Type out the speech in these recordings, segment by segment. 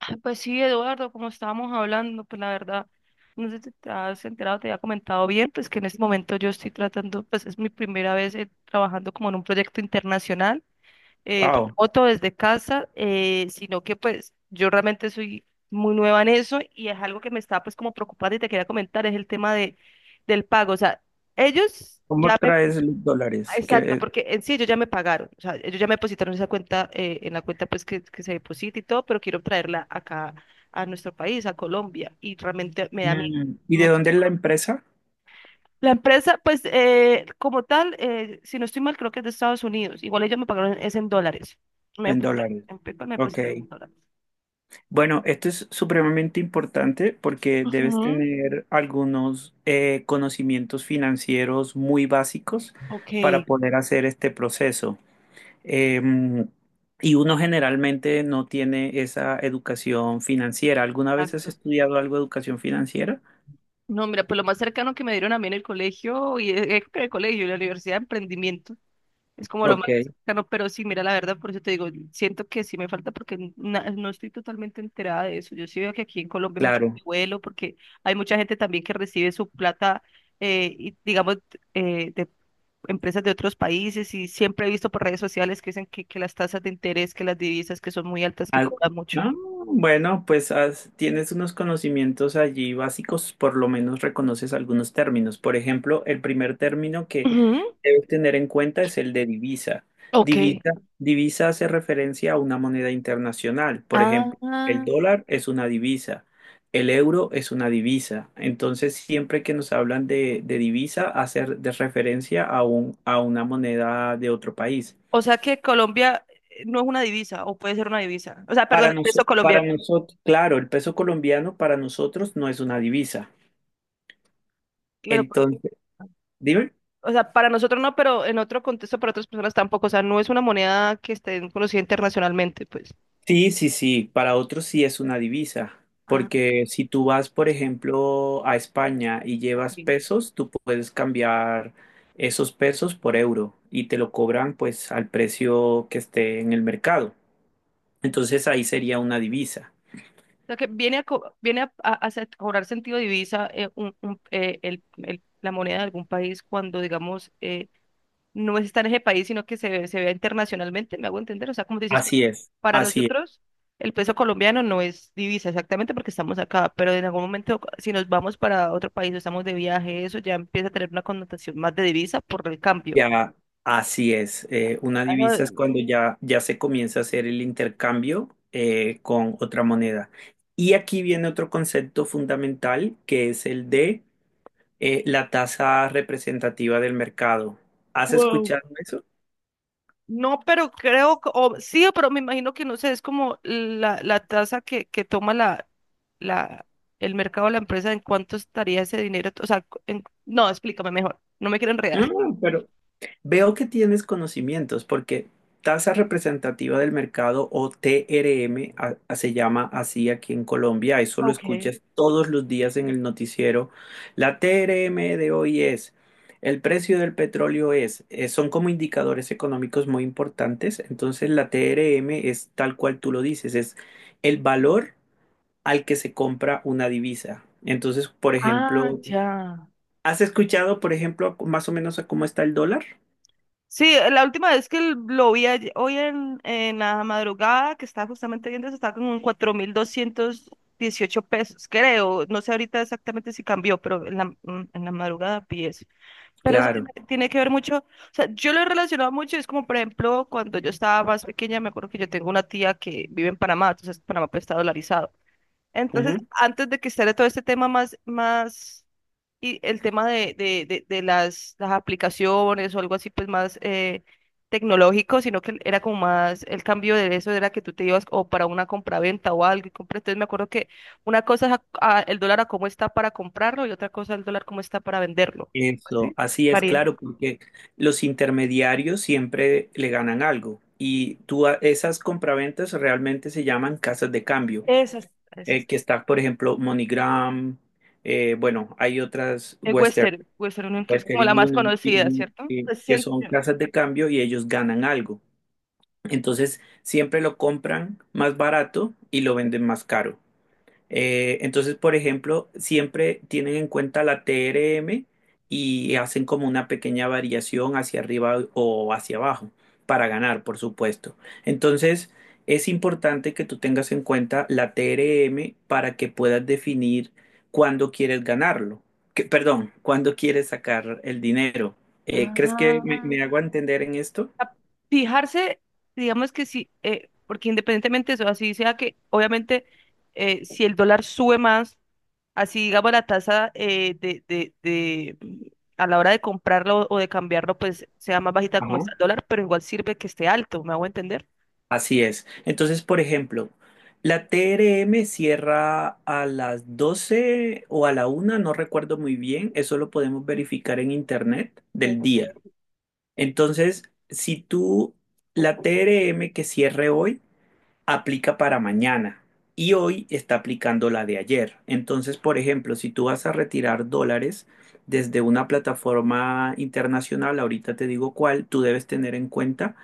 Ah, pues sí, Eduardo, como estábamos hablando, pues la verdad, no sé si te has enterado, te había comentado bien, pues que en este momento yo estoy tratando, pues es mi primera vez, trabajando como en un proyecto internacional, eh, Wow. remoto desde casa, sino que pues yo realmente soy muy nueva en eso y es algo que me está pues como preocupando y te quería comentar, es el tema de, del pago. O sea, ellos ¿Cómo ya traes los dólares? exacto, porque en sí ellos ya me pagaron, o sea, ellos ya me depositaron esa cuenta, en la cuenta pues que se deposita y todo, pero quiero traerla acá a nuestro país, a Colombia, y realmente me da miedo. ¿Y de ¿No? dónde es la empresa? La empresa, pues como tal, si no estoy mal, creo que es de Estados Unidos, igual ellos me pagaron es en dólares, me En depositaron, dólares. en PayPal me Ok. depositaron en dólares. Bueno, esto es supremamente importante porque debes Ujú, tener algunos conocimientos financieros muy básicos ok, para poder hacer este proceso. Em, y uno generalmente no tiene esa educación financiera. ¿Alguna vez has exacto. estudiado algo de educación financiera? No, mira, pues lo más cercano que me dieron a mí en el colegio, y creo que en el colegio, en la universidad de emprendimiento, es como lo Ok, más cercano, pero sí, mira, la verdad, por eso te digo, siento que sí me falta porque no estoy totalmente enterada de eso. Yo sí veo que aquí en Colombia hay mucho claro. vuelo, porque hay mucha gente también que recibe su plata, y, digamos, de empresas de otros países y siempre he visto por redes sociales que dicen que las tasas de interés, que las divisas que son muy altas, que Ah, cobran mucho. ah, bueno, pues tienes unos conocimientos allí básicos, por lo menos reconoces algunos términos. Por ejemplo, el primer término que Ujú, debes tener en cuenta es el de divisa. ok. Divisa, divisa hace referencia a una moneda internacional. Por Ah, ejemplo, el dólar es una divisa, el euro es una divisa. Entonces, siempre que nos hablan de divisa, hace de referencia a un, a una moneda de otro país. o sea que Colombia no es una divisa, o puede ser una divisa. O sea, perdón, el peso Para colombiano. nosotros, claro, el peso colombiano para nosotros no es una divisa. Claro, Entonces, dime. o sea, para nosotros no, pero en otro contexto para otras personas tampoco. O sea, no es una moneda que esté conocida internacionalmente, pues. Sí, sí, sí, para otros sí es una divisa, Ah, porque si tú vas, por ejemplo, a España y ok. llevas pesos, tú puedes cambiar esos pesos por euro y te lo cobran pues al precio que esté en el mercado. Entonces ahí sería una divisa. O sea, que viene a, cobrar sentido divisa, la moneda de algún país cuando, digamos, no está en ese país, sino que se vea internacionalmente, ¿me hago entender? O sea, como dices, Así es, para así es. nosotros el peso colombiano no es divisa exactamente porque estamos acá, pero en algún momento si nos vamos para otro país o estamos de viaje, eso ya empieza a tener una connotación más de divisa por el cambio. Ya, así es. Una Ah, no, divisa es cuando ya se comienza a hacer el intercambio con otra moneda. Y aquí viene otro concepto fundamental que es el de la tasa representativa del mercado. ¿Has wow. escuchado eso? No, pero creo, o, sí, pero me imagino que no sé, es como la tasa que toma la, el mercado, la empresa, en cuánto estaría ese dinero. O sea, no, explícame mejor, no me quiero No, enredar. no, pero veo que tienes conocimientos porque tasa representativa del mercado o TRM se llama así aquí en Colombia, eso lo Okay. escuchas todos los días en el noticiero. La TRM de hoy es, el precio del petróleo es, son como indicadores económicos muy importantes, entonces la TRM es tal cual tú lo dices, es el valor al que se compra una divisa. Entonces, por Ah, ejemplo, ya. ¿has escuchado, por ejemplo, más o menos a cómo está el dólar? Sí, la última vez que lo vi ayer, hoy en la madrugada, que estaba justamente viendo eso, estaba como en 4.218 pesos, creo. No sé ahorita exactamente si cambió, pero en la madrugada vi eso. Pero eso Claro. tiene, tiene que ver mucho, o sea, yo lo he relacionado mucho, es como por ejemplo cuando yo estaba más pequeña, me acuerdo que yo tengo una tía que vive en Panamá, entonces Panamá pues está dolarizado. Entonces, Ujú. antes de que esté todo este tema y el tema de las aplicaciones o algo así, pues más tecnológico, sino que era como más, el cambio de eso era que tú te ibas o para una compraventa o algo y compras. Entonces me acuerdo que una cosa es el dólar a cómo está para comprarlo y otra cosa el dólar cómo está para venderlo. Eso, ¿Así? así es, María, claro, porque los intermediarios siempre le ganan algo y tú a- esas compraventas realmente se llaman casas de cambio, esas, esas. que está, por ejemplo, MoneyGram, bueno, hay otras El Western, Western, Western Union, que es Western como la más Union conocida, ¿cierto? Pues que siento son yo. casas de cambio y ellos ganan algo. Entonces, siempre lo compran más barato y lo venden más caro. Entonces, por ejemplo, siempre tienen en cuenta la TRM y hacen como una pequeña variación hacia arriba o hacia abajo para ganar, por supuesto. Entonces, es importante que tú tengas en cuenta la TRM para que puedas definir cuándo quieres ganarlo. Perdón, cuándo quieres sacar el dinero. ¿Crees que me, Ah, me hago entender en esto? a fijarse, digamos que sí, porque independientemente de eso, así sea que obviamente si el dólar sube más, así digamos la tasa a la hora de comprarlo o de cambiarlo, pues sea más bajita como Ajá. está el dólar, pero igual sirve que esté alto, ¿me hago entender? Así es. Entonces, por ejemplo, la TRM cierra a las 12 o a la 1, no recuerdo muy bien, eso lo podemos verificar en internet del día. Entonces, si tú, la TRM que cierre hoy aplica para mañana y hoy está aplicando la de ayer. Entonces, por ejemplo, si tú vas a retirar dólares desde una plataforma internacional, ahorita te digo cuál, tú debes tener en cuenta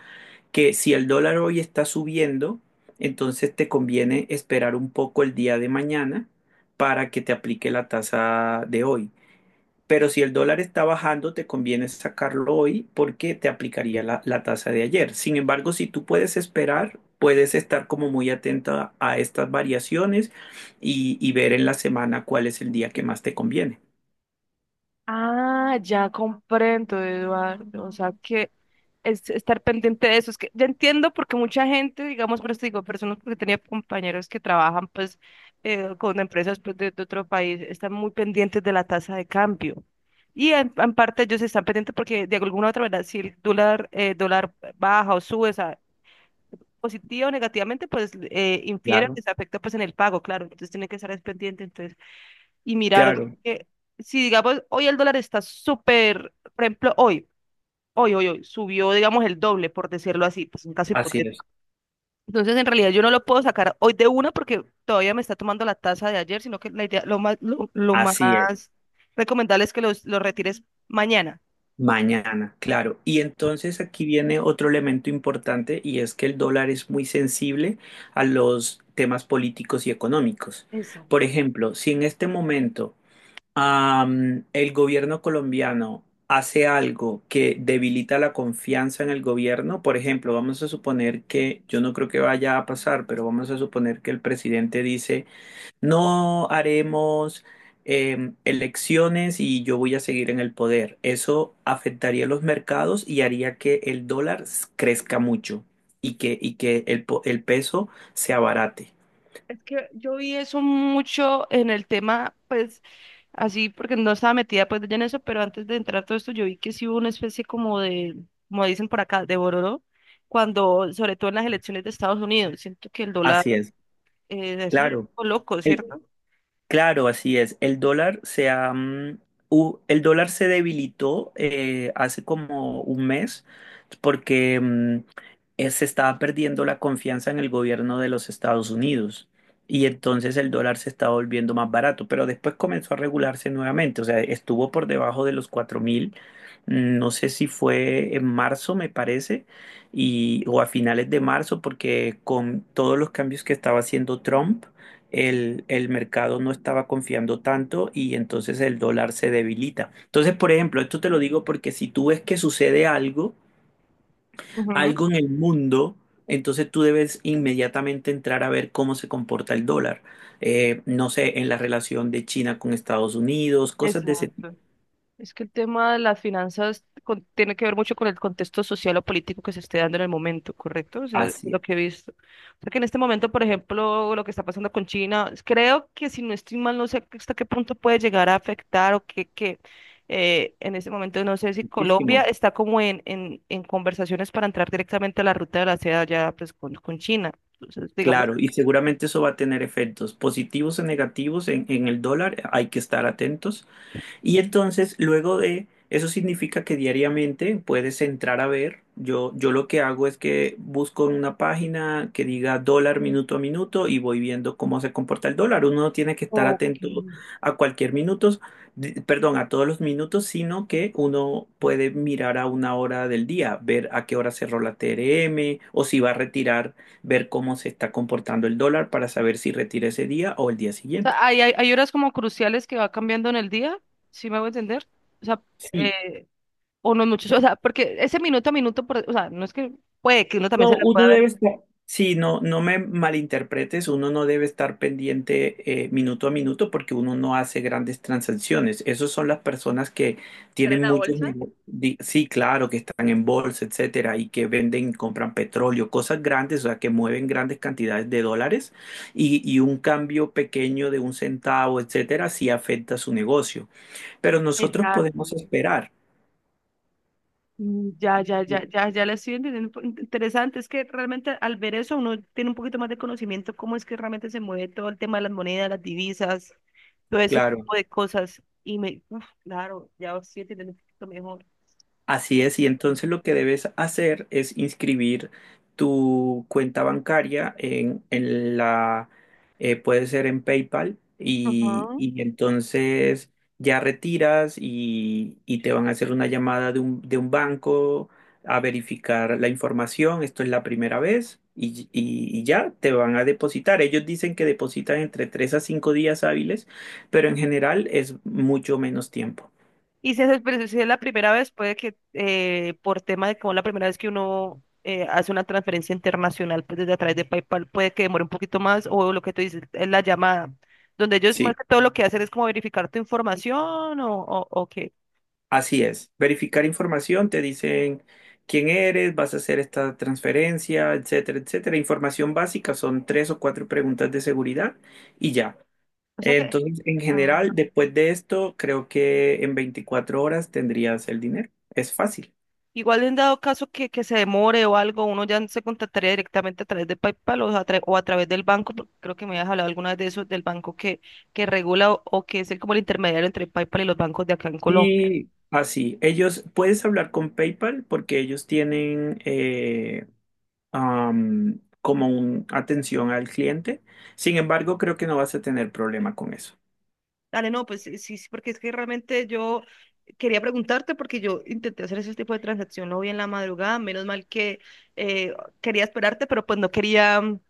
que si el dólar hoy está subiendo, entonces te conviene esperar un poco el día de mañana para que te aplique la tasa de hoy. Pero si el dólar está bajando, te conviene sacarlo hoy porque te aplicaría la, la tasa de ayer. Sin embargo, si tú puedes esperar, puedes estar como muy atenta a estas variaciones y ver en la semana cuál es el día que más te conviene. Ah, ya comprendo, Eduardo. O sea, que es estar pendiente de eso. Es que ya entiendo porque mucha gente, digamos, por eso digo, personas porque tenía compañeros que trabajan pues con empresas pues, de otro país, están muy pendientes de la tasa de cambio. Y en parte ellos están pendientes porque de alguna u otra manera, si el dólar, dólar baja o sube, o sea, positiva o negativamente, pues infiere, Claro. les afecta pues en el pago, claro. Entonces tienen que estar pendientes y mirar, o sea, Claro, que si digamos, hoy el dólar está súper, por ejemplo, subió, digamos, el doble, por decirlo así, pues un caso así es. hipotético. Entonces, en realidad, yo no lo puedo sacar hoy de una porque todavía me está tomando la tasa de ayer, sino que la idea, lo Así es. más recomendable es que los retires mañana. Mañana, claro. Y entonces aquí viene otro elemento importante y es que el dólar es muy sensible a los temas políticos y económicos. Exacto. Por ejemplo, si en este momento el gobierno colombiano hace algo que debilita la confianza en el gobierno, por ejemplo, vamos a suponer que, yo no creo que vaya a pasar, pero vamos a suponer que el presidente dice no haremos elecciones y yo voy a seguir en el poder. Eso afectaría los mercados y haría que el dólar crezca mucho y que, el peso se abarate. Es que yo vi eso mucho en el tema, pues, así porque no estaba metida pues ya en eso, pero antes de entrar todo esto yo vi que sí hubo una especie como de, como dicen por acá, de bororo, cuando, sobre todo en las elecciones de Estados Unidos, siento que el dólar, Así es, eso es claro. loco, El- ¿cierto? Claro, así es. El dólar se ha, mm, hu- el dólar se debilitó hace como un mes porque se estaba perdiendo la confianza en el gobierno de los Estados Unidos y entonces el dólar se estaba volviendo más barato, pero después comenzó a regularse nuevamente, o sea, estuvo por debajo de los 4.000, no sé si fue en marzo, me parece, y, o a finales de marzo, porque con todos los cambios que estaba haciendo Trump, el mercado no estaba confiando tanto y entonces el dólar se debilita. Entonces, por ejemplo, esto te lo digo porque si tú ves que sucede algo, Ujú, algo en el mundo, entonces tú debes inmediatamente entrar a ver cómo se comporta el dólar. No sé, en la relación de China con Estados Unidos, cosas de ese tipo. exacto. Es que el tema de las finanzas tiene que ver mucho con el contexto social o político que se esté dando en el momento, ¿correcto? O sea, Así es, lo que he visto. Porque en este momento, por ejemplo, lo que está pasando con China, creo que si no estoy mal, no sé hasta qué punto puede llegar a afectar o que en este momento no sé si Colombia muchísimo. está como en, en conversaciones para entrar directamente a la ruta de la seda ya pues con China. Entonces, digamos, Claro, y seguramente eso va a tener efectos positivos o negativos en el dólar, hay que estar atentos. Y entonces, luego de eso significa que diariamente puedes entrar a ver. Yo lo que hago es que busco en una página que diga dólar minuto a minuto y voy viendo cómo se comporta el dólar. Uno no tiene que estar ok. atento a cualquier minuto, perdón, a todos los minutos, sino que uno puede mirar a una hora del día, ver a qué hora cerró la TRM o si va a retirar, ver cómo se está comportando el dólar para saber si retira ese día o el día O siguiente. sea, hay horas como cruciales que va cambiando en el día, ¿sí me voy a entender? O sea, Sí, o los muchachos, o sea, porque ese minuto a minuto, o sea, no es que puede que uno también se no, la pueda uno debe ver. estar, sí, no, no me malinterpretes, uno no debe estar pendiente minuto a minuto porque uno no hace grandes transacciones. Esas son las personas que Traen tienen la muchos bolsa. negocios, sí, claro, que están en bolsa, etcétera, y que venden, y compran petróleo, cosas grandes, o sea, que mueven grandes cantidades de dólares y un cambio pequeño de un centavo, etcétera, sí afecta su negocio. Pero nosotros podemos Exacto. esperar, Ya, ya, ya, ya, ya la estoy entendiendo. Interesante, es que realmente al ver eso uno tiene un poquito más de conocimiento cómo es que realmente se mueve todo el tema de las monedas, las divisas, todo ese claro. tipo de cosas. Y me, uf, claro, ya estoy entendiendo un poquito mejor. Así es, y entonces lo que debes hacer es inscribir tu cuenta bancaria en la, puede ser en PayPal, y, Ajá. y entonces ya retiras y te van a hacer una llamada de un banco a verificar la información. Esto es la primera vez y ya te van a depositar. Ellos dicen que depositan entre 3 a 5 días hábiles, pero en general es mucho menos tiempo. Y si es, pero si es la primera vez, puede que por tema de como la primera vez que uno hace una transferencia internacional pues desde a través de PayPal, puede que demore un poquito más o lo que tú dices es la llamada, donde ellos más Sí. que todo lo que hacen es como verificar tu información o qué. Así es, verificar información, te dicen quién eres, vas a hacer esta transferencia, etcétera, etcétera. Información básica, son tres o cuatro preguntas de seguridad y ya. O sea que Entonces, en ah, general, después de esto, creo que en 24 horas tendrías el dinero. Es fácil. igual en dado caso que se demore o algo, uno ya se contactaría directamente a través de PayPal o a, o a través del banco, porque creo que me habías hablado alguna vez de eso, del banco que regula o que es el, como el intermediario entre PayPal y los bancos de acá en Colombia. Sí, así. Ellos, puedes hablar con PayPal porque ellos tienen como un atención al cliente. Sin embargo, creo que no vas a tener problema con eso. Dale, no, pues sí, sí, sí, porque es que realmente yo quería preguntarte porque yo intenté hacer ese tipo de transacción hoy en la madrugada, menos mal que eh, quería esperarte, pero pues no quería, mm,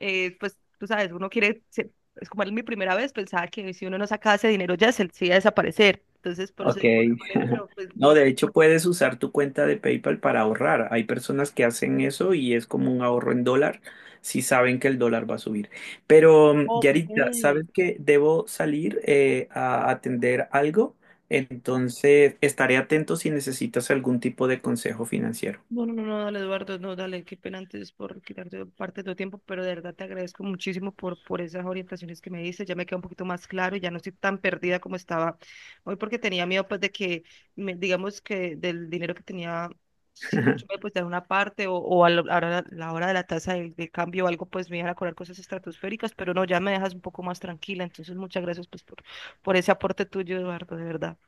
eh, pues tú sabes, uno quiere, es como era mi primera vez, pensaba que si uno no sacaba ese dinero ya se iba a desaparecer, entonces por eso Ok. digo, bueno, vale, pero pues, No, me, de hecho puedes usar tu cuenta de PayPal para ahorrar. Hay personas que hacen eso y es como un ahorro en dólar si saben que el dólar va a subir. Pero, ok, Yaritza, ¿sabes que debo salir a atender algo? Entonces, estaré atento si necesitas algún tipo de consejo financiero. no, no, no, no, dale, Eduardo, no, dale, qué pena antes por quitarte parte de tu tiempo, pero de verdad te agradezco muchísimo por esas orientaciones que me diste, ya me queda un poquito más claro, ya no estoy tan perdida como estaba hoy porque tenía miedo pues de que, digamos que del dinero que tenía, si mucho me pues dar una parte o a la la hora de la tasa de cambio o algo, pues me iban a cobrar cosas estratosféricas, pero no, ya me dejas un poco más tranquila, entonces muchas gracias pues por ese aporte tuyo, Eduardo, de verdad.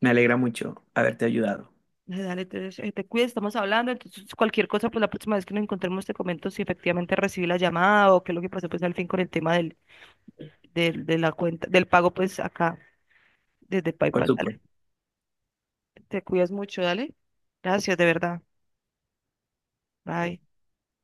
Me alegra mucho haberte ayudado, Dale, dale, entonces te cuides, estamos hablando, entonces cualquier cosa, pues la próxima vez que nos encontremos te comento si efectivamente recibí la llamada o qué es lo que pasó pues al fin con el tema de la cuenta, del pago pues acá desde por PayPal, dale. supuesto. Te cuidas mucho, dale. Gracias, de verdad. Bye.